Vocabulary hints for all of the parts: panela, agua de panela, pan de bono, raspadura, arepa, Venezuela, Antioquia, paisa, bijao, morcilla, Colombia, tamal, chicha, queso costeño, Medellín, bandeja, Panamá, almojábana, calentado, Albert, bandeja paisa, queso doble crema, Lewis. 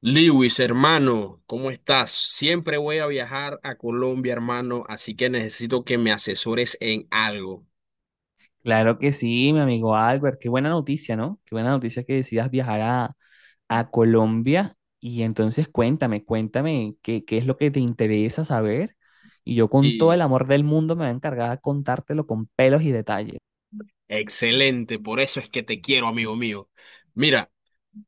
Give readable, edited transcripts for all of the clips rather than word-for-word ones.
Lewis, hermano, ¿cómo estás? Siempre voy a viajar a Colombia, hermano, así que necesito que me asesores en algo. Claro que sí, mi amigo Albert. Qué buena noticia, ¿no? Qué buena noticia que decidas viajar a Colombia. Y entonces cuéntame, qué es lo que te interesa saber. Y yo con todo el Y amor del mundo me voy a encargar de contártelo con pelos y detalles. excelente, por eso es que te quiero, amigo mío. Mira,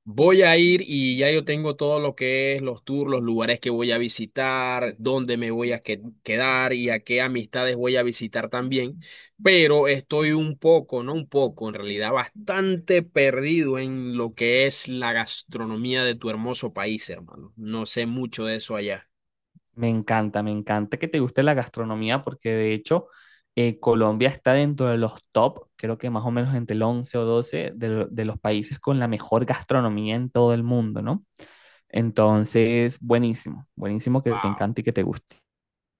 voy a ir y ya yo tengo todo lo que es los tours, los lugares que voy a visitar, dónde me voy a quedar y a qué amistades voy a visitar también. Pero estoy un poco, no un poco, en realidad bastante perdido en lo que es la gastronomía de tu hermoso país, hermano. No sé mucho de eso allá. Me encanta que te guste la gastronomía porque de hecho Colombia está dentro de los top, creo que más o menos entre el 11 o 12 de, de los países con la mejor gastronomía en todo el mundo, ¿no? Entonces, buenísimo que te Wow. encante y que te guste.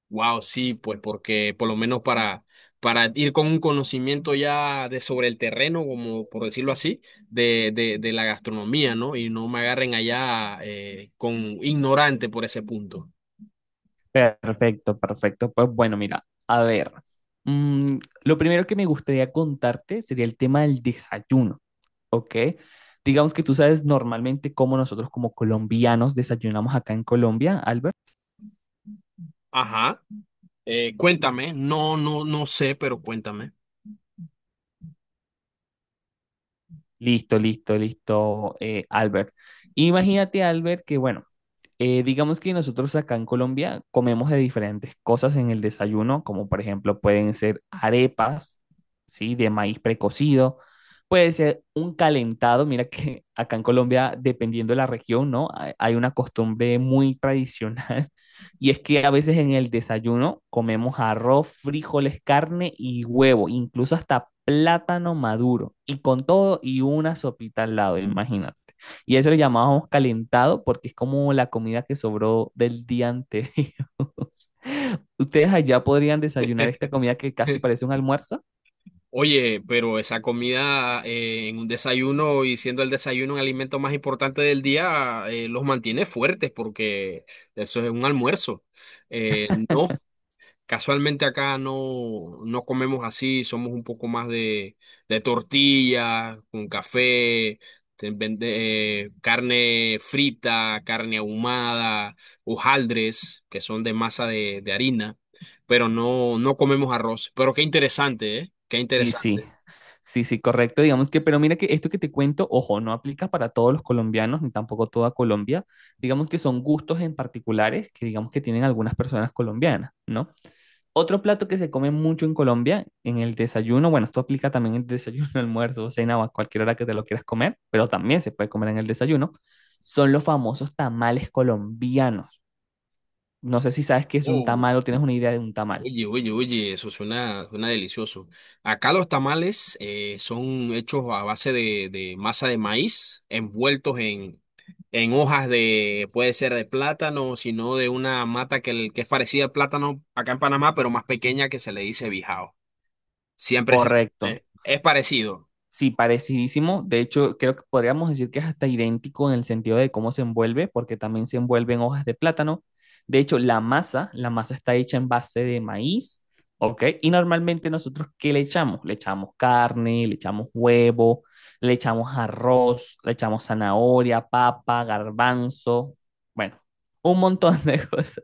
Wow, sí, pues porque por lo menos para ir con un conocimiento ya de sobre el terreno, como por decirlo así, de la gastronomía, ¿no? Y no me agarren allá con ignorante por ese punto. Perfecto, perfecto. Pues bueno, mira, a ver, lo primero que me gustaría contarte sería el tema del desayuno, ¿ok? Digamos que tú sabes normalmente cómo nosotros como colombianos desayunamos acá en Colombia, Albert. Ajá. Cuéntame, no, no sé, pero cuéntame. Listo, Albert. Imagínate, Albert, que bueno, digamos que nosotros acá en Colombia comemos de diferentes cosas en el desayuno, como por ejemplo pueden ser arepas, ¿sí? De maíz precocido, puede ser un calentado, mira que acá en Colombia, dependiendo de la región, ¿no? Hay una costumbre muy tradicional y es que a veces en el desayuno comemos arroz, frijoles, carne y huevo, incluso hasta plátano maduro y con todo y una sopita al lado, imagínate. Y eso lo llamábamos calentado porque es como la comida que sobró del día anterior. Ustedes allá podrían desayunar esta comida que casi parece un almuerzo. Oye, pero esa comida en un desayuno y siendo el desayuno un alimento más importante del día, los mantiene fuertes porque eso es un almuerzo. No. Casualmente acá no comemos así, somos un poco más de tortilla, con café, carne frita, carne ahumada, hojaldres, que son de masa de harina, pero no, no comemos arroz. Pero qué interesante, ¿eh? Qué Y sí, interesante. sí, sí, correcto. Digamos que, pero mira que esto que te cuento, ojo, no aplica para todos los colombianos ni tampoco toda Colombia. Digamos que son gustos en particulares que digamos que tienen algunas personas colombianas, ¿no? Otro plato que se come mucho en Colombia, en el desayuno, bueno, esto aplica también en el desayuno, almuerzo, cena o a cualquier hora que te lo quieras comer, pero también se puede comer en el desayuno, son los famosos tamales colombianos. No sé si sabes qué es un tamal o tienes una idea de un tamal. Oye, oye, oye, eso suena, suena delicioso. Acá los tamales son hechos a base de masa de maíz, envueltos en hojas de, puede ser de plátano, sino de una mata que, que es parecida al plátano acá en Panamá, pero más pequeña que se le dice bijao. Siempre se le Correcto. pone- Es parecido. Sí, parecidísimo. De hecho, creo que podríamos decir que es hasta idéntico en el sentido de cómo se envuelve, porque también se envuelve en hojas de plátano. De hecho, la masa está hecha en base de maíz, ¿ok? Y normalmente nosotros, ¿qué le echamos? Le echamos carne, le echamos huevo, le echamos arroz, le echamos zanahoria, papa, garbanzo, bueno, un montón de cosas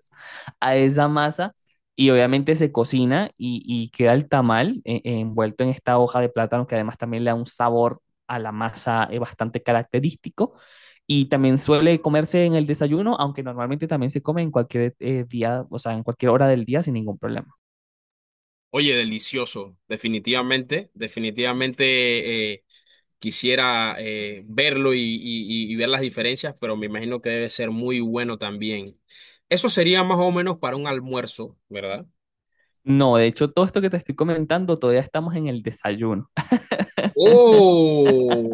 a esa masa y obviamente se cocina y queda el tamal envuelto en esta hoja de plátano que además también le da un sabor a la masa bastante característico y también suele comerse en el desayuno, aunque normalmente también se come en cualquier día, o sea, en cualquier hora del día sin ningún problema. Oye, delicioso, definitivamente, definitivamente. Quisiera verlo y, y ver las diferencias, pero me imagino que debe ser muy bueno también. Eso sería más o menos para un almuerzo, ¿verdad? No, de hecho, todo esto que te estoy comentando todavía estamos en el desayuno. ¡Oh!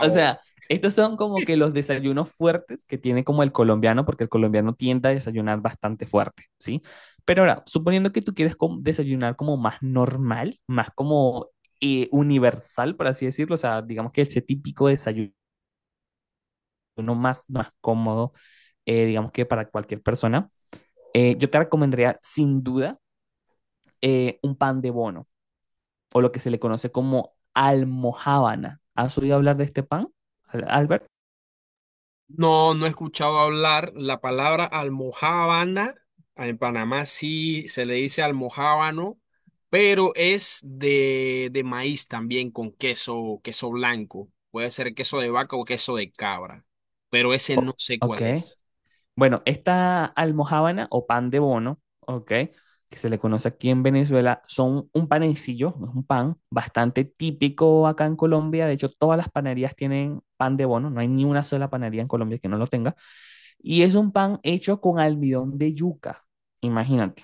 O sea, estos son como que los desayunos fuertes que tiene como el colombiano, porque el colombiano tiende a desayunar bastante fuerte, ¿sí? Pero ahora, suponiendo que tú quieres desayunar como más normal, más como universal, por así decirlo, o sea, digamos que ese típico desayuno más cómodo, digamos que para cualquier persona, yo te recomendaría sin duda un pan de bono, o lo que se le conoce como almojábana. ¿Has oído hablar de este pan, Albert? No, no he escuchado hablar la palabra almojábana. En Panamá sí se le dice almojábano, pero es de maíz también con queso, queso blanco. Puede ser queso de vaca o queso de cabra, pero ese no O- sé ok. cuál es. Bueno, esta almojábana o pan de bono, ¿ok? Que se le conoce aquí en Venezuela, son un panecillo, es un pan bastante típico acá en Colombia. De hecho, todas las panaderías tienen pan de bono, no hay ni una sola panadería en Colombia que no lo tenga. Y es un pan hecho con almidón de yuca, imagínate.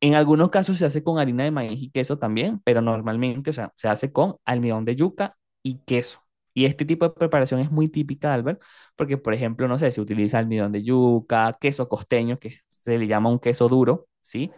En algunos casos se hace con harina de maíz y queso también, pero normalmente, o sea, se hace con almidón de yuca y queso. Y este tipo de preparación es muy típica, de Albert, porque, por ejemplo, no sé, se utiliza almidón de yuca, queso costeño, que se le llama un queso duro, ¿sí?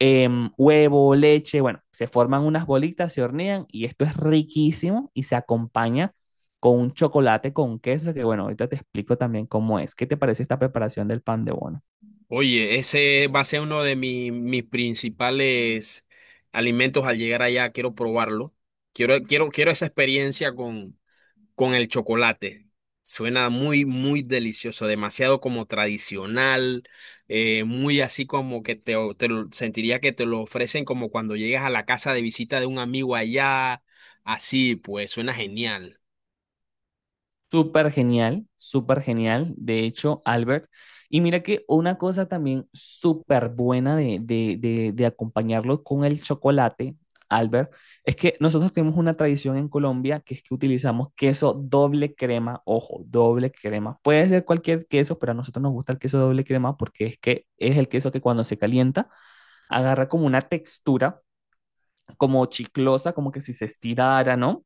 Huevo, leche, bueno, se forman unas bolitas, se hornean y esto es riquísimo y se acompaña con un chocolate con queso, que bueno, ahorita te explico también cómo es. ¿Qué te parece esta preparación del pan de bono? Oye, ese va a ser uno de mis, mis principales alimentos al llegar allá. Quiero probarlo. Quiero, quiero, quiero esa experiencia con el chocolate. Suena muy, muy delicioso, demasiado como tradicional, muy así como que te, sentiría que te lo ofrecen como cuando llegas a la casa de visita de un amigo allá. Así, pues, suena genial. Súper genial, súper genial. De hecho, Albert. Y mira que una cosa también súper buena de acompañarlo con el chocolate, Albert, es que nosotros tenemos una tradición en Colombia que es que utilizamos queso doble crema, ojo, doble crema. Puede ser cualquier queso, pero a nosotros nos gusta el queso doble crema porque es que es el queso que cuando se calienta agarra como una textura, como chiclosa, como que si se estirara, ¿no?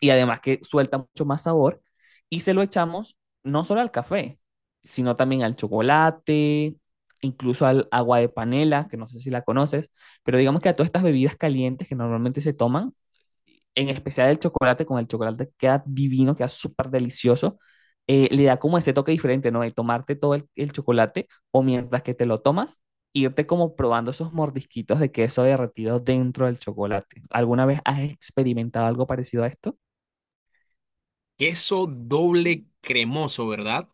y además que suelta mucho más sabor y se lo echamos no solo al café, sino también al chocolate, incluso al agua de panela, que no sé si la conoces, pero digamos que a todas estas bebidas calientes que normalmente se toman, en especial el chocolate, con el chocolate queda divino, queda súper delicioso, le da como ese toque diferente, ¿no? El tomarte todo el chocolate o mientras que te lo tomas, irte como probando esos mordisquitos de queso derretido dentro del chocolate. ¿Alguna vez has experimentado algo parecido a esto? Queso doble cremoso, ¿verdad?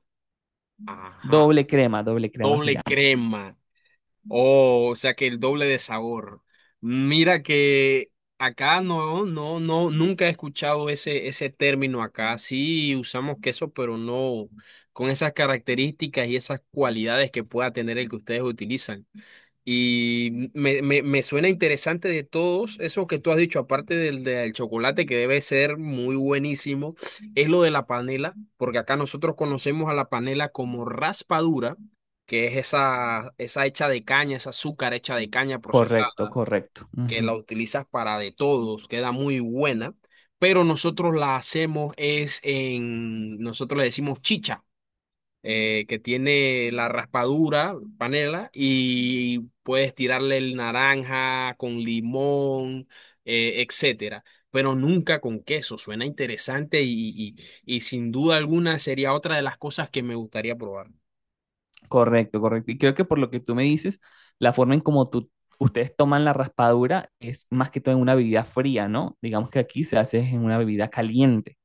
Ajá, Doble crema se doble llama. crema. Oh, o sea que el doble de sabor. Mira que acá no, nunca he escuchado ese, ese término acá. Sí usamos queso, pero no con esas características y esas cualidades que pueda tener el que ustedes utilizan. Y me suena interesante de todos eso que tú has dicho, aparte del, del chocolate, que debe ser muy buenísimo, es lo de la panela, porque acá nosotros conocemos a la panela como raspadura, que es esa, esa hecha de caña, esa azúcar hecha de caña Correcto, procesada, correcto. que la Ujú. utilizas para de todos, queda muy buena, pero nosotros la hacemos es en, nosotros le decimos chicha que tiene la raspadura, panela, y puedes tirarle el naranja con limón, etcétera. Pero nunca con queso. Suena interesante y, y sin duda alguna sería otra de las cosas que me gustaría probar. Correcto, correcto. Y creo que por lo que tú me dices, la forma en como tú, ustedes toman la raspadura es más que todo en una bebida fría, ¿no? Digamos que aquí se hace en una bebida caliente.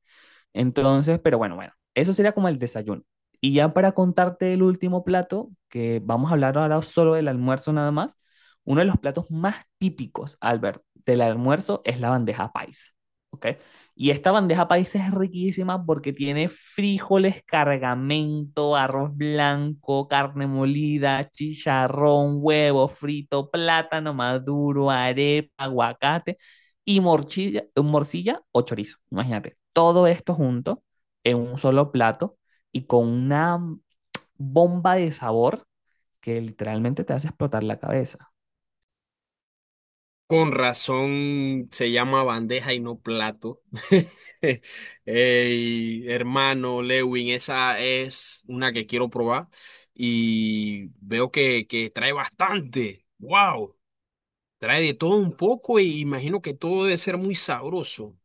Entonces, pero bueno, bueno, eso sería como el desayuno. Y ya para contarte el último plato, que vamos a hablar ahora solo del almuerzo nada más, uno de los platos más típicos, Albert, del almuerzo es la bandeja paisa, ¿ok? Y esta bandeja paisa es riquísima porque tiene frijoles, cargamento, arroz blanco, carne molida, chicharrón, huevo frito, plátano maduro, arepa, aguacate y morcilla o chorizo. Imagínate, todo esto junto en un solo plato y con una bomba de sabor que literalmente te hace explotar la cabeza. Con razón se llama bandeja y no plato. Ey, hermano Lewin, esa es una que quiero probar y veo que trae bastante. ¡Wow! Trae de todo un poco e imagino que todo debe ser muy sabroso.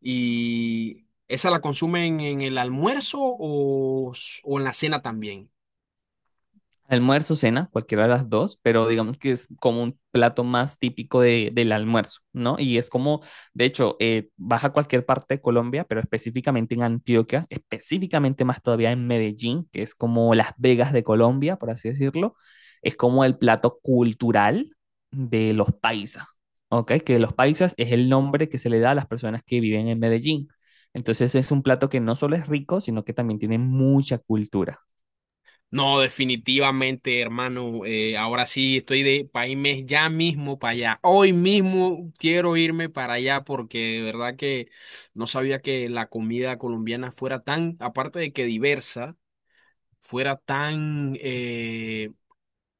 ¿Y esa la consumen en el almuerzo o, o en la cena también? Almuerzo, cena, cualquiera de las dos, pero digamos que es como un plato más típico de, del almuerzo, ¿no? Y es como, de hecho, vas a cualquier parte de Colombia, pero específicamente en Antioquia, específicamente más todavía en Medellín, que es como Las Vegas de Colombia, por así decirlo, es como el plato cultural de los paisas, ¿ok? Que los paisas es el nombre que se le da a las personas que viven en Medellín. Entonces es un plato que no solo es rico, sino que también tiene mucha cultura. No, definitivamente, hermano. Ahora sí estoy de país ya mismo para allá. Hoy mismo quiero irme para allá porque de verdad que no sabía que la comida colombiana fuera tan, aparte de que diversa, fuera tan,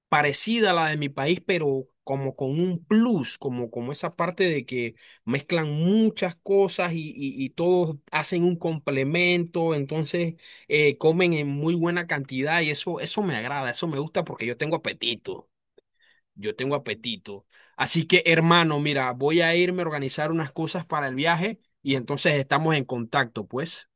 parecida a la de mi país, pero como con un plus, como, como esa parte de que mezclan muchas cosas y, y todos hacen un complemento, entonces comen en muy buena cantidad y eso me agrada, eso me gusta porque yo tengo apetito, yo tengo apetito. Así que hermano, mira, voy a irme a organizar unas cosas para el viaje y entonces estamos en contacto, pues.